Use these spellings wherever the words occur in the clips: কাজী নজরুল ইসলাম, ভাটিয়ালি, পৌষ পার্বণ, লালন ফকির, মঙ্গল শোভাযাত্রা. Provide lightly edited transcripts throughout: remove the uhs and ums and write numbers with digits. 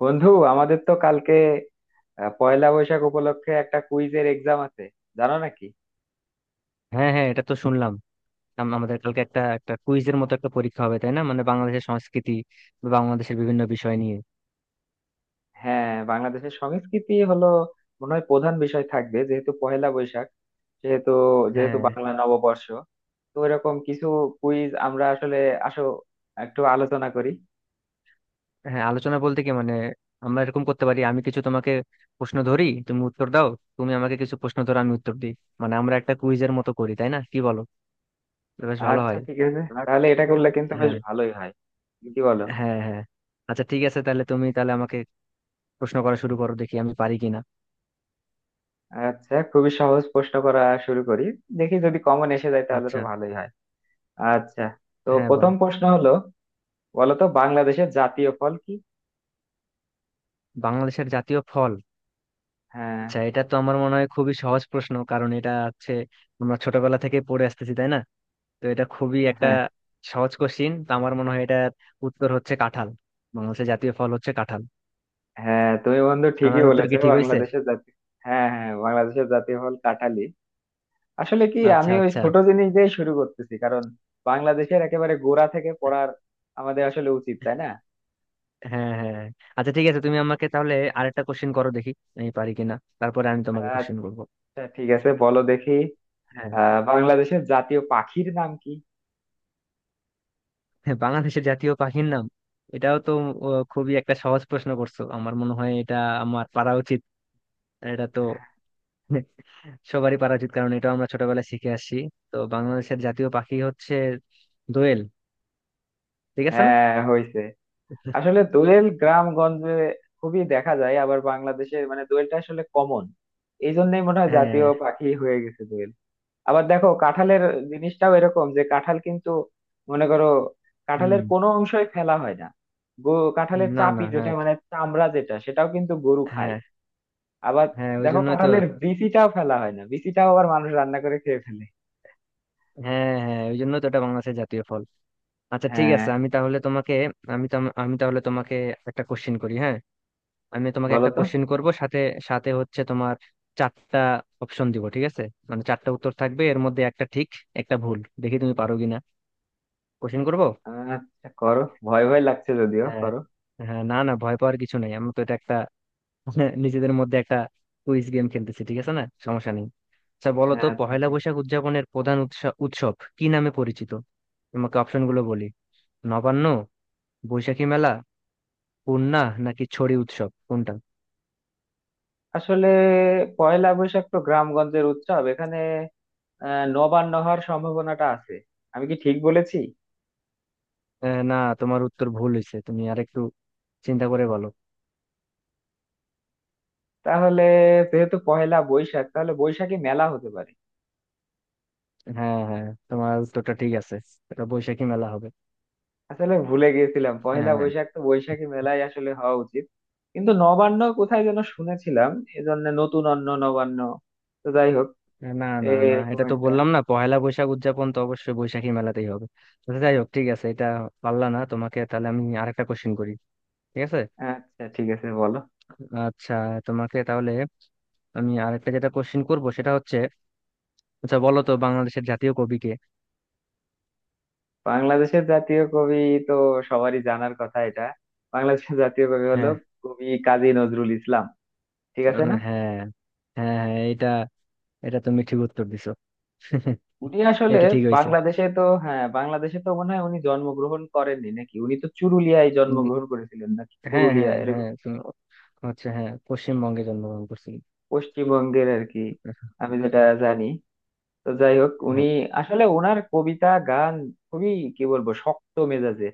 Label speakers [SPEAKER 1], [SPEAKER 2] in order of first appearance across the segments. [SPEAKER 1] বন্ধু আমাদের তো কালকে পয়লা বৈশাখ উপলক্ষে একটা কুইজের এক্সাম আছে, জানো নাকি?
[SPEAKER 2] হ্যাঁ হ্যাঁ, এটা তো শুনলাম। আমাদের কালকে একটা একটা কুইজের মতো একটা পরীক্ষা হবে, তাই না? মানে বাংলাদেশের সংস্কৃতি বা বাংলাদেশের বিভিন্ন বিষয় নিয়ে।
[SPEAKER 1] হ্যাঁ, বাংলাদেশের সংস্কৃতি হলো মনে হয় প্রধান বিষয় থাকবে, যেহেতু পয়লা বৈশাখ, সেহেতু যেহেতু
[SPEAKER 2] হ্যাঁ,
[SPEAKER 1] বাংলা নববর্ষ। তো এরকম কিছু কুইজ আমরা আসলে, আসো একটু আলোচনা করি।
[SPEAKER 2] হ্যাঁ, আলোচনা বলতে কি মানে, আমরা এরকম করতে পারি, আমি কিছু তোমাকে প্রশ্ন ধরি তুমি উত্তর দাও, তুমি আমাকে কিছু প্রশ্ন ধরো আমি উত্তর দিই। মানে আমরা একটা কুইজের মতো করি, তাই না? কি বলো, এটা বেশ ভালো
[SPEAKER 1] আচ্ছা
[SPEAKER 2] হয়।
[SPEAKER 1] ঠিক আছে, তাহলে এটা করলে কিন্তু বেশ
[SPEAKER 2] হ্যাঁ,
[SPEAKER 1] ভালোই হয়, কি বলো?
[SPEAKER 2] হ্যাঁ, হ্যাঁ। আচ্ছা ঠিক আছে, তাহলে তুমি তাহলে আমাকে প্রশ্ন করা শুরু করো, দেখি আমি পারি কিনা।
[SPEAKER 1] আচ্ছা, খুবই সহজ প্রশ্ন করা শুরু করি, দেখি যদি কমন এসে যায় তাহলে তো
[SPEAKER 2] আচ্ছা।
[SPEAKER 1] ভালোই হয়। আচ্ছা, তো
[SPEAKER 2] হ্যাঁ, বল।
[SPEAKER 1] প্রথম প্রশ্ন হলো, বলতো বাংলাদেশের জাতীয় ফল কি?
[SPEAKER 2] বাংলাদেশের জাতীয় ফল।
[SPEAKER 1] হ্যাঁ
[SPEAKER 2] আচ্ছা, এটা তো আমার মনে হয় খুবই সহজ প্রশ্ন, কারণ এটা হচ্ছে আমরা ছোটবেলা থেকে পড়ে আসতেছি, তাই না? তো এটা খুবই একটা
[SPEAKER 1] হ্যাঁ
[SPEAKER 2] সহজ কোশ্চিন, তো আমার মনে হয় এটার উত্তর হচ্ছে কাঁঠাল। বাংলাদেশের জাতীয় ফল হচ্ছে কাঁঠাল।
[SPEAKER 1] হ্যাঁ, তুমি বন্ধু ঠিকই
[SPEAKER 2] আমার উত্তর
[SPEAKER 1] বলেছো,
[SPEAKER 2] কি ঠিক হয়েছে?
[SPEAKER 1] বাংলাদেশের জাতীয়, হ্যাঁ হ্যাঁ, বাংলাদেশের জাতীয় ফল কাঁঠালি। আসলে কি,
[SPEAKER 2] আচ্ছা,
[SPEAKER 1] আমি ওই
[SPEAKER 2] আচ্ছা।
[SPEAKER 1] ছোট জিনিস দিয়ে শুরু করতেছি, কারণ বাংলাদেশের একেবারে গোড়া থেকে পড়ার আমাদের আসলে উচিত, তাই না?
[SPEAKER 2] হ্যাঁ, হ্যাঁ। আচ্ছা ঠিক আছে, তুমি আমাকে তাহলে আরেকটা কোশ্চিন করো, দেখি আমি পারি কিনা। তারপরে আমি তোমাকে কোশ্চিন
[SPEAKER 1] আচ্ছা
[SPEAKER 2] করবো।
[SPEAKER 1] ঠিক আছে, বলো দেখি।
[SPEAKER 2] হ্যাঁ।
[SPEAKER 1] আহ, বাংলাদেশের জাতীয় পাখির নাম কি?
[SPEAKER 2] হ্যাঁ, বাংলাদেশের জাতীয় পাখির নাম। এটাও তো, ও, খুবই একটা সহজ প্রশ্ন করছো, আমার মনে হয় এটা আমার পারা উচিত। এটা তো সবারই পারা উচিত, কারণ এটা আমরা ছোটবেলায় শিখে আসছি। তো বাংলাদেশের জাতীয় পাখি হচ্ছে দোয়েল। ঠিক আছে না?
[SPEAKER 1] হ্যাঁ, হয়েছে। আসলে দোয়েল গ্রামগঞ্জে খুবই দেখা যায়, আবার বাংলাদেশে মানে দোয়েলটা আসলে কমন। এই জন্যই মনে হয় জাতীয়
[SPEAKER 2] হ্যাঁ।
[SPEAKER 1] পাখি হয়ে গেছে দোয়েল। আবার দেখো কাঁঠালের জিনিসটাও এরকম, যে কাঁঠাল কিন্তু, মনে করো,
[SPEAKER 2] হুম।
[SPEAKER 1] কাঁঠালের কোনো অংশই ফেলা হয় না। কাঁঠালের
[SPEAKER 2] না না,
[SPEAKER 1] চাপি যেটা
[SPEAKER 2] হ্যাঁ
[SPEAKER 1] মানে চামড়া যেটা, সেটাও কিন্তু গরু খায়।
[SPEAKER 2] হ্যাঁ।
[SPEAKER 1] আবার
[SPEAKER 2] হ্যাঁ, ওই
[SPEAKER 1] দেখো,
[SPEAKER 2] জন্যই তো।
[SPEAKER 1] কাঁঠালের বিচিটাও ফেলা হয় না, বিচিটাও আবার মানুষ রান্না করে খেয়ে ফেলে।
[SPEAKER 2] হ্যাঁ হ্যাঁ, ওই জন্যই তো এটা বাংলাদেশের জাতীয় ফল। আচ্ছা ঠিক
[SPEAKER 1] হ্যাঁ,
[SPEAKER 2] আছে, আমি তাহলে তোমাকে, আমি তো আমি তাহলে তোমাকে একটা কোশ্চেন করি, হ্যাঁ। আমি তোমাকে
[SPEAKER 1] বলো
[SPEAKER 2] একটা
[SPEAKER 1] তো।
[SPEAKER 2] কোশ্চেন করব, সাথে, সাথে হচ্ছে তোমার চারটা অপশন দিব, ঠিক আছে? মানে চারটা উত্তর থাকবে, এর মধ্যে একটা ঠিক একটা ভুল, দেখি তুমি পারো কিনা। কোশ্চেন করবো।
[SPEAKER 1] আচ্ছা করো, ভয় ভয় লাগছে যদিও,
[SPEAKER 2] হ্যাঁ,
[SPEAKER 1] করো।
[SPEAKER 2] হ্যাঁ, না না, ভয় পাওয়ার কিছু নাই, আমি তো এটা একটা নিজেদের মধ্যে একটা কুইজ গেম খেলতেছি, ঠিক আছে না? সমস্যা নেই। আচ্ছা বলো তো,
[SPEAKER 1] আচ্ছা
[SPEAKER 2] পহেলা
[SPEAKER 1] ঠিক।
[SPEAKER 2] বৈশাখ উদযাপনের প্রধান উৎসব কি নামে পরিচিত? তোমাকে অপশন গুলো বলি: নবান্ন, বৈশাখী মেলা, পূর্ণা, নাকি ছড়ি উৎসব, কোনটা?
[SPEAKER 1] আসলে পয়লা বৈশাখ তো গ্রামগঞ্জের উৎসব, এখানে আহ নবান্ন হওয়ার সম্ভাবনাটা আছে। আমি কি ঠিক বলেছি?
[SPEAKER 2] না, তোমার উত্তর ভুল হয়েছে, তুমি আরেকটু চিন্তা করে বলো।
[SPEAKER 1] তাহলে যেহেতু পহেলা বৈশাখ, তাহলে বৈশাখী মেলা হতে পারে।
[SPEAKER 2] হ্যাঁ হ্যাঁ, তোমার উত্তরটা ঠিক আছে, এটা বৈশাখী মেলা হবে।
[SPEAKER 1] আসলে ভুলে গেছিলাম, পহেলা
[SPEAKER 2] হ্যাঁ।
[SPEAKER 1] বৈশাখ তো বৈশাখী মেলাই আসলে হওয়া উচিত, কিন্তু নবান্ন কোথায় যেন শুনেছিলাম, এজন্য নতুন অন্ন নবান্ন। তো যাই হোক,
[SPEAKER 2] না না না,
[SPEAKER 1] এরকম
[SPEAKER 2] এটা তো
[SPEAKER 1] একটা।
[SPEAKER 2] বললাম না, পহেলা বৈশাখ উদযাপন তো অবশ্যই বৈশাখী মেলাতেই হবে। তো যাই হোক, ঠিক আছে, এটা পারলা না, তোমাকে তাহলে আমি আরেকটা কোশ্চেন করি, ঠিক আছে।
[SPEAKER 1] আচ্ছা ঠিক আছে, বলো
[SPEAKER 2] আচ্ছা, তোমাকে তাহলে আমি আরেকটা যেটা কোশ্চিন করব সেটা হচ্ছে, আচ্ছা বলো তো বাংলাদেশের জাতীয় কবি কে?
[SPEAKER 1] বাংলাদেশের জাতীয় কবি তো সবারই জানার কথা এটা। বাংলাদেশের জাতীয় কবি হলো
[SPEAKER 2] হ্যাঁ।
[SPEAKER 1] কবি কাজী নজরুল ইসলাম, ঠিক আছে না?
[SPEAKER 2] হ্যাঁ, হ্যাঁ হ্যাঁ, এটা, এটা তুমি ঠিক উত্তর দিছো।
[SPEAKER 1] উনি আসলে
[SPEAKER 2] এটা ঠিক হয়েছে।
[SPEAKER 1] বাংলাদেশে তো, হ্যাঁ বাংলাদেশে তো মনে হয় উনি জন্মগ্রহণ করেননি, নাকি উনি তো চুরুলিয়ায়
[SPEAKER 2] উম,
[SPEAKER 1] জন্মগ্রহণ করেছিলেন, নাকি
[SPEAKER 2] হ্যাঁ
[SPEAKER 1] পুরুলিয়া
[SPEAKER 2] হ্যাঁ
[SPEAKER 1] এরকম
[SPEAKER 2] হ্যাঁ, তুমি হচ্ছে হ্যাঁ, পশ্চিমবঙ্গে জন্মগ্রহণ করছিলেন।
[SPEAKER 1] পশ্চিমবঙ্গের আর কি, আমি যেটা জানি। তো যাই হোক, উনি
[SPEAKER 2] হ্যাঁ
[SPEAKER 1] আসলে ওনার কবিতা গান খুবই কি বলবো শক্ত মেজাজে,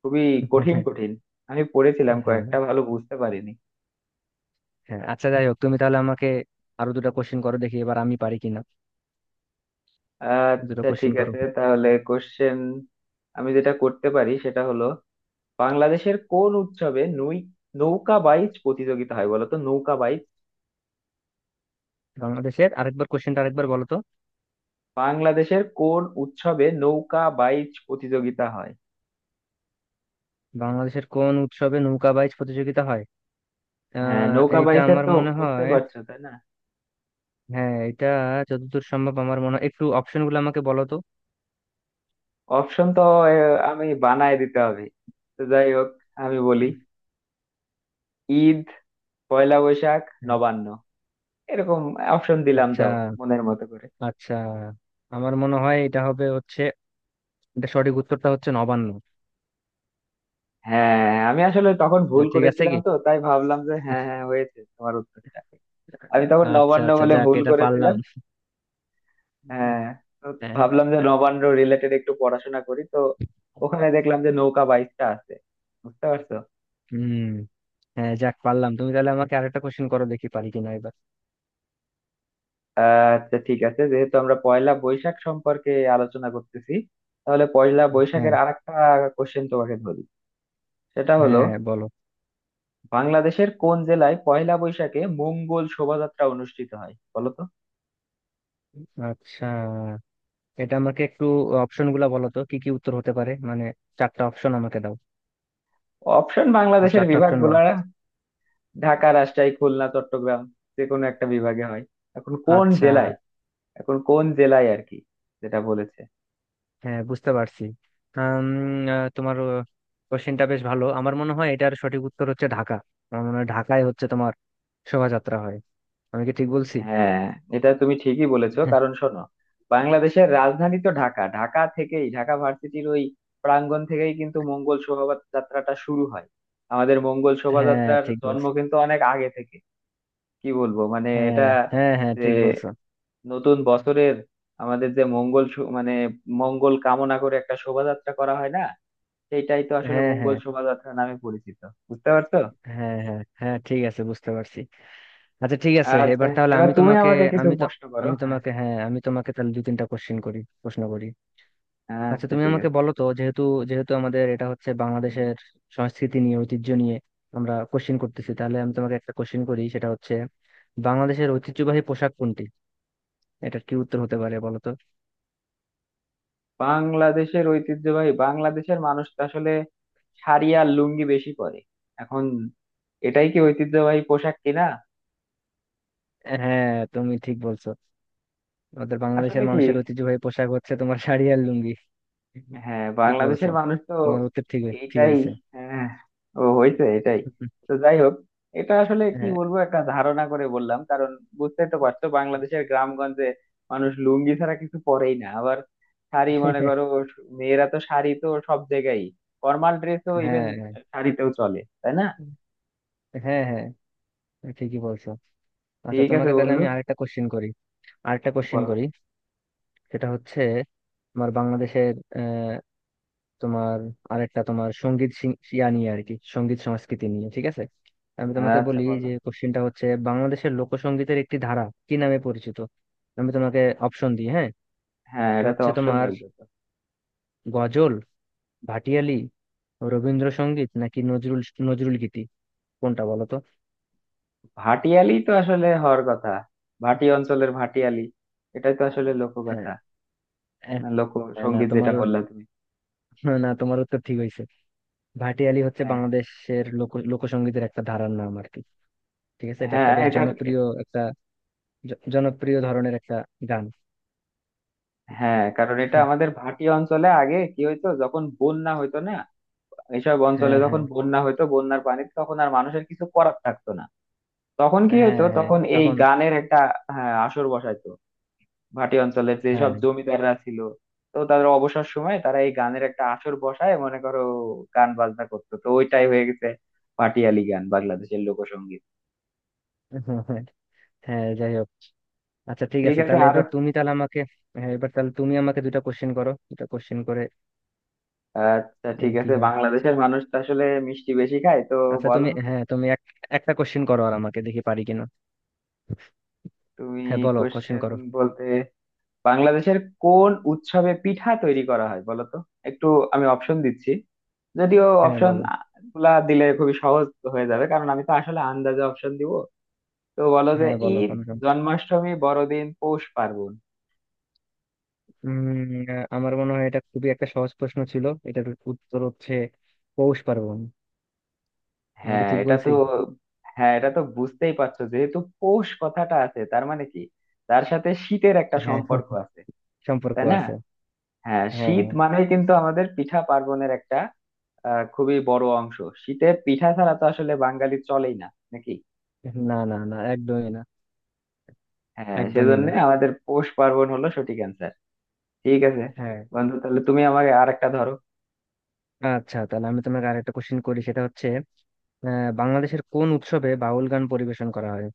[SPEAKER 1] খুবই কঠিন কঠিন। আমি পড়েছিলাম
[SPEAKER 2] হ্যাঁ
[SPEAKER 1] কয়েকটা,
[SPEAKER 2] হ্যাঁ।
[SPEAKER 1] ভালো বুঝতে পারিনি।
[SPEAKER 2] হ্যাঁ। আচ্ছা যাই হোক, তুমি তাহলে আমাকে আরো দুটো কোশ্চেন করো, দেখি এবার আমি পারি কিনা। দুটো
[SPEAKER 1] আচ্ছা
[SPEAKER 2] কোশ্চেন
[SPEAKER 1] ঠিক
[SPEAKER 2] করো।
[SPEAKER 1] আছে, তাহলে কোশ্চেন আমি যেটা করতে পারি সেটা হলো, বাংলাদেশের কোন উৎসবে নৌকা বাইচ প্রতিযোগিতা হয় বলো তো, নৌকা বাইচ।
[SPEAKER 2] বাংলাদেশের, আরেকবার কোশ্চেনটা আরেকবার বলো তো।
[SPEAKER 1] বাংলাদেশের কোন উৎসবে নৌকা বাইচ প্রতিযোগিতা হয়?
[SPEAKER 2] বাংলাদেশের কোন উৎসবে নৌকা বাইচ প্রতিযোগিতা হয়?
[SPEAKER 1] হ্যাঁ, নৌকা
[SPEAKER 2] এইটা
[SPEAKER 1] বাইচের
[SPEAKER 2] আমার
[SPEAKER 1] তো
[SPEAKER 2] মনে
[SPEAKER 1] বুঝতে
[SPEAKER 2] হয়,
[SPEAKER 1] পারছো, তাই না?
[SPEAKER 2] হ্যাঁ এটা যতদূর সম্ভব আমার মনে হয়, একটু অপশন গুলো আমাকে বলো তো।
[SPEAKER 1] অপশন তো আমি বানায় দিতে হবে। তো যাই হোক, আমি বলি, ঈদ, পয়লা বৈশাখ,
[SPEAKER 2] হ্যাঁ।
[SPEAKER 1] নবান্ন, এরকম অপশন দিলাম,
[SPEAKER 2] আচ্ছা।
[SPEAKER 1] যাও মনের মতো করে।
[SPEAKER 2] আচ্ছা, আমার মনে হয় এটা হবে হচ্ছে, এটা সঠিক উত্তরটা হচ্ছে নবান্ন।
[SPEAKER 1] হ্যাঁ, আমি আসলে তখন
[SPEAKER 2] না,
[SPEAKER 1] ভুল
[SPEAKER 2] ঠিক আছে
[SPEAKER 1] করেছিলাম
[SPEAKER 2] কি,
[SPEAKER 1] তো, তাই ভাবলাম যে হ্যাঁ হ্যাঁ, হয়েছে তোমার উত্তরটা। আমি তখন
[SPEAKER 2] আচ্ছা
[SPEAKER 1] নবান্ন
[SPEAKER 2] আচ্ছা,
[SPEAKER 1] বলে
[SPEAKER 2] যাক
[SPEAKER 1] ভুল
[SPEAKER 2] এটা
[SPEAKER 1] করেছিলাম।
[SPEAKER 2] পারলাম।
[SPEAKER 1] হ্যাঁ, তো
[SPEAKER 2] হ্যাঁ।
[SPEAKER 1] ভাবলাম যে নবান্ন রিলেটেড একটু পড়াশোনা করি, তো ওখানে দেখলাম যে নৌকা বাইচটা আছে, বুঝতে পারছো?
[SPEAKER 2] হুম। হ্যাঁ যাক পারলাম, তুমি তাহলে আমাকে আরেকটা কোশ্চেন করো, দেখি পারি কিনা এবার।
[SPEAKER 1] আচ্ছা ঠিক আছে, যেহেতু আমরা পয়লা বৈশাখ সম্পর্কে আলোচনা করতেছি, তাহলে পয়লা বৈশাখের
[SPEAKER 2] হ্যাঁ।
[SPEAKER 1] আরেকটা কোশ্চেন তোমাকে ধরি। সেটা
[SPEAKER 2] হ্যাঁ
[SPEAKER 1] হলো,
[SPEAKER 2] হ্যাঁ, বলো।
[SPEAKER 1] বাংলাদেশের কোন জেলায় পয়লা বৈশাখে মঙ্গল শোভাযাত্রা অনুষ্ঠিত হয় বলো তো।
[SPEAKER 2] আচ্ছা, এটা আমাকে একটু অপশন গুলা বলো তো কি কি উত্তর হতে পারে, মানে চারটা অপশন আমাকে দাও।
[SPEAKER 1] অপশন
[SPEAKER 2] আর
[SPEAKER 1] বাংলাদেশের
[SPEAKER 2] চারটা অপশন
[SPEAKER 1] বিভাগগুলো,
[SPEAKER 2] বলো।
[SPEAKER 1] ঢাকা, রাজশাহী, খুলনা, চট্টগ্রাম, যে কোনো একটা বিভাগে হয়, এখন কোন
[SPEAKER 2] আচ্ছা।
[SPEAKER 1] জেলায়, এখন কোন জেলায় আর কি, যেটা বলেছে।
[SPEAKER 2] হ্যাঁ বুঝতে পারছি। আম, তোমার কোশ্চেনটা বেশ ভালো, আমার মনে হয় এটার সঠিক উত্তর হচ্ছে ঢাকা। আমার মনে হয় ঢাকায় হচ্ছে তোমার শোভাযাত্রা হয়। আমি কি ঠিক বলছি?
[SPEAKER 1] হ্যাঁ, এটা তুমি ঠিকই বলেছো, কারণ শোনো, বাংলাদেশের রাজধানী তো ঢাকা, ঢাকা থেকেই, ঢাকা ভার্সিটির ওই প্রাঙ্গণ থেকেই কিন্তু মঙ্গল শোভাযাত্রাটা শুরু হয়। আমাদের মঙ্গল
[SPEAKER 2] হ্যাঁ
[SPEAKER 1] শোভাযাত্রার
[SPEAKER 2] ঠিক
[SPEAKER 1] জন্ম
[SPEAKER 2] বলছো।
[SPEAKER 1] কিন্তু অনেক আগে থেকে। কি বলবো মানে, এটা
[SPEAKER 2] হ্যাঁ হ্যাঁ, হ্যাঁ
[SPEAKER 1] যে
[SPEAKER 2] ঠিক বলছো।
[SPEAKER 1] নতুন বছরের আমাদের যে মানে মঙ্গল কামনা করে একটা শোভাযাত্রা করা হয় না, সেইটাই তো আসলে
[SPEAKER 2] হ্যাঁ
[SPEAKER 1] মঙ্গল
[SPEAKER 2] হ্যাঁ।
[SPEAKER 1] শোভাযাত্রা নামে পরিচিত, বুঝতে পারছো?
[SPEAKER 2] হ্যাঁ হ্যাঁ হ্যাঁ, ঠিক আছে বুঝতে পারছি। আচ্ছা ঠিক আছে,
[SPEAKER 1] আচ্ছা,
[SPEAKER 2] এবার তাহলে
[SPEAKER 1] এবার
[SPEAKER 2] আমি
[SPEAKER 1] তুমি
[SPEAKER 2] তোমাকে,
[SPEAKER 1] আমাকে কিছু
[SPEAKER 2] আমি তো
[SPEAKER 1] প্রশ্ন করো,
[SPEAKER 2] আমি
[SPEAKER 1] হ্যাঁ।
[SPEAKER 2] তোমাকে, হ্যাঁ আমি তোমাকে তাহলে দু তিনটা কোশ্চেন করি, প্রশ্ন করি। আচ্ছা
[SPEAKER 1] আচ্ছা
[SPEAKER 2] তুমি
[SPEAKER 1] ঠিক
[SPEAKER 2] আমাকে
[SPEAKER 1] আছে,
[SPEAKER 2] বলো তো, যেহেতু যেহেতু আমাদের এটা হচ্ছে বাংলাদেশের সংস্কৃতি নিয়ে, ঐতিহ্য নিয়ে আমরা কোশ্চেন করতেছি, তাহলে আমি তোমাকে একটা কোশ্চেন করি সেটা হচ্ছে, বাংলাদেশের ঐতিহ্যবাহী পোশাক কোনটি? এটার কি উত্তর হতে পারে বলো তো।
[SPEAKER 1] বাংলাদেশের ঐতিহ্যবাহী, বাংলাদেশের মানুষ তো আসলে শাড়ি আর লুঙ্গি বেশি পরে এখন, এটাই কি ঐতিহ্যবাহী পোশাক কিনা?
[SPEAKER 2] হ্যাঁ তুমি ঠিক বলছো, আমাদের
[SPEAKER 1] আসলে
[SPEAKER 2] বাংলাদেশের
[SPEAKER 1] কি,
[SPEAKER 2] মানুষের ঐতিহ্যবাহী পোশাক হচ্ছে তোমার শাড়ি আর লুঙ্গি।
[SPEAKER 1] হ্যাঁ,
[SPEAKER 2] ঠিক
[SPEAKER 1] বাংলাদেশের
[SPEAKER 2] বলছো,
[SPEAKER 1] মানুষ তো,
[SPEAKER 2] তোমার উত্তর ঠিক
[SPEAKER 1] এইটাই,
[SPEAKER 2] হয়েছে।
[SPEAKER 1] হ্যাঁ, ও হয়েছে এটাই। তো যাই হোক, এটা আসলে কি
[SPEAKER 2] হ্যাঁ
[SPEAKER 1] বলবো, একটা ধারণা করে বললাম, কারণ বুঝতেই তো পারছো বাংলাদেশের গ্রামগঞ্জে মানুষ লুঙ্গি ছাড়া কিছু পরেই না, আবার শাড়ি, মনে করো মেয়েরা তো শাড়ি তো সব জায়গায়, ফর্মাল ড্রেসও ইভেন
[SPEAKER 2] হ্যাঁ
[SPEAKER 1] শাড়িতেও চলে, তাই না?
[SPEAKER 2] হ্যাঁ হ্যাঁ। হ্যাঁ, ঠিকই বলছো। আচ্ছা
[SPEAKER 1] ঠিক আছে
[SPEAKER 2] তোমাকে তাহলে
[SPEAKER 1] বন্ধু,
[SPEAKER 2] আমি আরেকটা কোশ্চেন করি, আরেকটা কোশ্চেন
[SPEAKER 1] বলো।
[SPEAKER 2] করি, সেটা হচ্ছে তোমার বাংলাদেশের আহ, তোমার আরেকটা তোমার সঙ্গীত সি- ইয়া নিয়ে আর কি, সঙ্গীত সংস্কৃতি নিয়ে, ঠিক আছে। আমি তোমাকে
[SPEAKER 1] আচ্ছা
[SPEAKER 2] বলি
[SPEAKER 1] বলো,
[SPEAKER 2] যে কোশ্চেনটা হচ্ছে, বাংলাদেশের লোকসঙ্গীতের একটি ধারা কি নামে পরিচিত? আমি তোমাকে অপশন দিই, হ্যাঁ।
[SPEAKER 1] হ্যাঁ
[SPEAKER 2] তা
[SPEAKER 1] এটা তো
[SPEAKER 2] হচ্ছে
[SPEAKER 1] অপশন
[SPEAKER 2] তোমার
[SPEAKER 1] লাগবে তো।
[SPEAKER 2] গজল, ভাটিয়ালি, রবীন্দ্রসঙ্গীত, নাকি নজরুল, নজরুল গীতি, কোনটা বলো তো?
[SPEAKER 1] ভাটিয়ালি তো আসলে হওয়ার কথা, ভাটি অঞ্চলের ভাটিয়ালি, এটাই তো আসলে
[SPEAKER 2] আহ,
[SPEAKER 1] লোকগাথা,
[SPEAKER 2] আহ,
[SPEAKER 1] না
[SPEAKER 2] না
[SPEAKER 1] লোকসঙ্গীত
[SPEAKER 2] তোমার,
[SPEAKER 1] যেটা বললা তুমি।
[SPEAKER 2] না তোমার উত্তর ঠিক হয়েছে। ভাটিয়ালি হচ্ছে
[SPEAKER 1] হ্যাঁ
[SPEAKER 2] বাংলাদেশের লোকসঙ্গীতের একটা ধারার নাম আর কি। ঠিক আছে, এটা একটা
[SPEAKER 1] হ্যাঁ,
[SPEAKER 2] বেশ
[SPEAKER 1] এটা
[SPEAKER 2] জনপ্রিয় একটা জনপ্রিয় ধরনের একটা গান।
[SPEAKER 1] হ্যাঁ, কারণ এটা আমাদের ভাটি অঞ্চলে আগে কি হইতো, যখন বন্যা হইতো না, এইসব অঞ্চলে
[SPEAKER 2] হ্যাঁ
[SPEAKER 1] যখন
[SPEAKER 2] হ্যাঁ।
[SPEAKER 1] বন্যা হইতো, বন্যার পানিতে তখন আর মানুষের কিছু করার থাকতো না, তখন কি
[SPEAKER 2] হ্যাঁ
[SPEAKER 1] হইতো,
[SPEAKER 2] হ্যাঁ
[SPEAKER 1] তখন এই
[SPEAKER 2] তখন।
[SPEAKER 1] গানের একটা, হ্যাঁ আসর বসাইতো। ভাটি অঞ্চলের যেসব
[SPEAKER 2] হ্যাঁ।
[SPEAKER 1] জমিদাররা ছিল, তো তাদের অবসর সময়ে তারা এই গানের একটা আসর বসায় মনে করো, গান বাজনা করতো, তো ওইটাই হয়ে গেছে পাটিয়ালি গান, বাংলাদেশের লোকসঙ্গীত।
[SPEAKER 2] হ্যাঁ যাই হোক, আচ্ছা ঠিক
[SPEAKER 1] ঠিক
[SPEAKER 2] আছে
[SPEAKER 1] আছে
[SPEAKER 2] তাহলে
[SPEAKER 1] আরো।
[SPEAKER 2] এবার তুমি তাহলে আমাকে, হ্যাঁ এবার তাহলে তুমি আমাকে দুটা কোশ্চেন করো, দুটা কোশ্চেন করে
[SPEAKER 1] আচ্ছা ঠিক
[SPEAKER 2] দেখি কি
[SPEAKER 1] আছে,
[SPEAKER 2] হয়।
[SPEAKER 1] বাংলাদেশের মানুষ তো আসলে মিষ্টি বেশি খায় তো,
[SPEAKER 2] আচ্ছা
[SPEAKER 1] বলো
[SPEAKER 2] তুমি, হ্যাঁ তুমি এক, একটা কোশ্চেন করো আর আমাকে, দেখি পারি কিনা।
[SPEAKER 1] তুমি।
[SPEAKER 2] হ্যাঁ বলো, কোশ্চেন
[SPEAKER 1] কোশ্চেন
[SPEAKER 2] করো।
[SPEAKER 1] বলতে, বাংলাদেশের কোন উৎসবে পিঠা তৈরি করা হয় বলো তো, একটু আমি অপশন দিচ্ছি, যদিও
[SPEAKER 2] হ্যাঁ
[SPEAKER 1] অপশন
[SPEAKER 2] বলো।
[SPEAKER 1] গুলা দিলে খুবই সহজ হয়ে যাবে, কারণ আমি তো আসলে আন্দাজে অপশন দিব। তো বলো যে,
[SPEAKER 2] হ্যাঁ বলো
[SPEAKER 1] ঈদ,
[SPEAKER 2] কনফার্ম।
[SPEAKER 1] জন্মাষ্টমী, বড়দিন, পৌষ পার্বণ।
[SPEAKER 2] আমার মনে হয় এটা খুবই একটা সহজ প্রশ্ন ছিল, এটার উত্তর হচ্ছে পৌষ পার্বণ। আমি কি
[SPEAKER 1] হ্যাঁ,
[SPEAKER 2] ঠিক
[SPEAKER 1] এটা তো,
[SPEAKER 2] বলছি?
[SPEAKER 1] হ্যাঁ এটা তো বুঝতেই পারছো, যেহেতু পৌষ কথাটা আছে, তার মানে কি, তার সাথে শীতের একটা
[SPEAKER 2] হ্যাঁ।
[SPEAKER 1] সম্পর্ক আছে,
[SPEAKER 2] সম্পর্ক
[SPEAKER 1] তাই না?
[SPEAKER 2] আছে।
[SPEAKER 1] হ্যাঁ,
[SPEAKER 2] হ্যাঁ।
[SPEAKER 1] শীত মানেই কিন্তু আমাদের পিঠা পার্বণের একটা আহ খুবই বড় অংশ। শীতে পিঠা ছাড়া তো আসলে বাঙালি চলেই না, নাকি?
[SPEAKER 2] না না না, একদমই না।
[SPEAKER 1] হ্যাঁ,
[SPEAKER 2] একদমই
[SPEAKER 1] সেজন্য
[SPEAKER 2] না।
[SPEAKER 1] আমাদের পৌষ পার্বণ হলো সঠিক অ্যান্সার। ঠিক আছে
[SPEAKER 2] হ্যাঁ।
[SPEAKER 1] বন্ধু, তাহলে তুমি আমাকে আর একটা ধরো।
[SPEAKER 2] আচ্ছা তাহলে আমি তোমাকে আরেকটা কোশ্চেন করি, সেটা হচ্ছে, বাংলাদেশের কোন উৎসবে বাউল গান পরিবেশন করা হয়?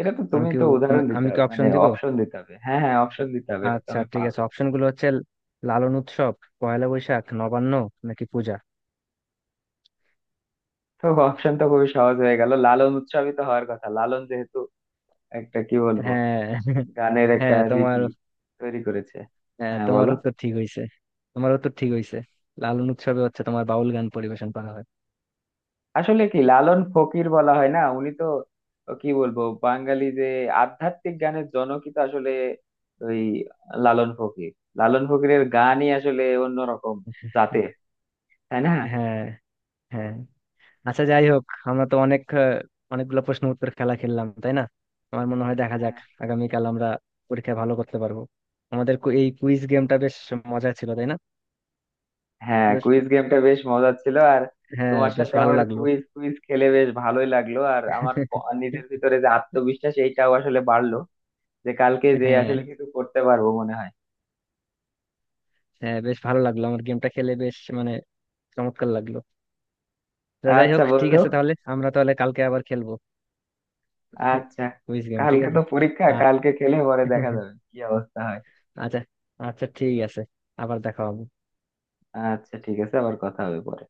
[SPEAKER 1] এটা তো তুমি তো উদাহরণ দিতে
[SPEAKER 2] আমি কি
[SPEAKER 1] হবে, মানে
[SPEAKER 2] অপশন দিব?
[SPEAKER 1] অপশন দিতে হবে, হ্যাঁ হ্যাঁ, অপশন দিতে হবে, এটা তো
[SPEAKER 2] আচ্ছা
[SPEAKER 1] আমি
[SPEAKER 2] ঠিক
[SPEAKER 1] পারবো
[SPEAKER 2] আছে,
[SPEAKER 1] না।
[SPEAKER 2] অপশন গুলো হচ্ছে লালন উৎসব, পয়লা বৈশাখ, নবান্ন, নাকি পূজা।
[SPEAKER 1] তো অপশন তো খুবই সহজ হয়ে গেল, লালন উৎসবই তো হওয়ার কথা, লালন যেহেতু একটা কি বলবো
[SPEAKER 2] হ্যাঁ।
[SPEAKER 1] গানের একটা
[SPEAKER 2] হ্যাঁ
[SPEAKER 1] রীতি
[SPEAKER 2] তোমার,
[SPEAKER 1] তৈরি করেছে।
[SPEAKER 2] হ্যাঁ,
[SPEAKER 1] হ্যাঁ,
[SPEAKER 2] তোমার
[SPEAKER 1] বলো।
[SPEAKER 2] উত্তর ঠিক হয়েছে। তোমার উত্তর ঠিক হয়েছে, লালন উৎসবে হচ্ছে তোমার বাউল গান পরিবেশন করা হয়।
[SPEAKER 1] আসলে কি, লালন ফকির বলা হয় না, উনি তো ও কি বলবো বাঙালি যে আধ্যাত্মিক গানের জনকই তো আসলে ওই লালন ফকির। লালন ফকিরের গানই আসলে অন্যরকম জাতের, তাই না?
[SPEAKER 2] হ্যাঁ হ্যাঁ। আচ্ছা যাই হোক, আমরা তো অনেক অনেকগুলো প্রশ্ন উত্তর খেলা খেললাম, তাই না? আমার মনে হয় দেখা যাক, আগামীকাল আমরা পরীক্ষায় ভালো করতে পারবো। আমাদের এই কুইজ গেমটা বেশ মজা ছিল, তাই না?
[SPEAKER 1] হ্যাঁ,
[SPEAKER 2] বেশ,
[SPEAKER 1] কুইজ গেমটা বেশ মজার ছিল। আর
[SPEAKER 2] হ্যাঁ
[SPEAKER 1] তোমার
[SPEAKER 2] বেশ
[SPEAKER 1] সাথে
[SPEAKER 2] ভালো
[SPEAKER 1] আমার
[SPEAKER 2] লাগলো।
[SPEAKER 1] কুইজ কুইজ খেলে বেশ ভালোই লাগলো, আর আমার নিজের ভিতরে যে আত্মবিশ্বাস এইটাও আসলে বাড়লো, যে কালকে যে
[SPEAKER 2] হ্যাঁ
[SPEAKER 1] আসলে কিছু করতে পারবো মনে হয়।
[SPEAKER 2] হ্যাঁ বেশ ভালো লাগলো, আমার গেমটা খেলে বেশ মানে চমৎকার লাগলো। তো যাই
[SPEAKER 1] আচ্ছা
[SPEAKER 2] হোক, ঠিক
[SPEAKER 1] বন্ধু,
[SPEAKER 2] আছে, তাহলে আমরা তাহলে কালকে আবার খেলবো।
[SPEAKER 1] আচ্ছা,
[SPEAKER 2] কুইজ গেম, ঠিক
[SPEAKER 1] কালকে
[SPEAKER 2] আছে।
[SPEAKER 1] তো পরীক্ষা, কালকে খেলে পরে দেখা যাবে কি অবস্থা হয়।
[SPEAKER 2] আচ্ছা। আচ্ছা ঠিক আছে, আবার দেখা হবে।
[SPEAKER 1] আচ্ছা ঠিক আছে, আবার কথা হবে পরে।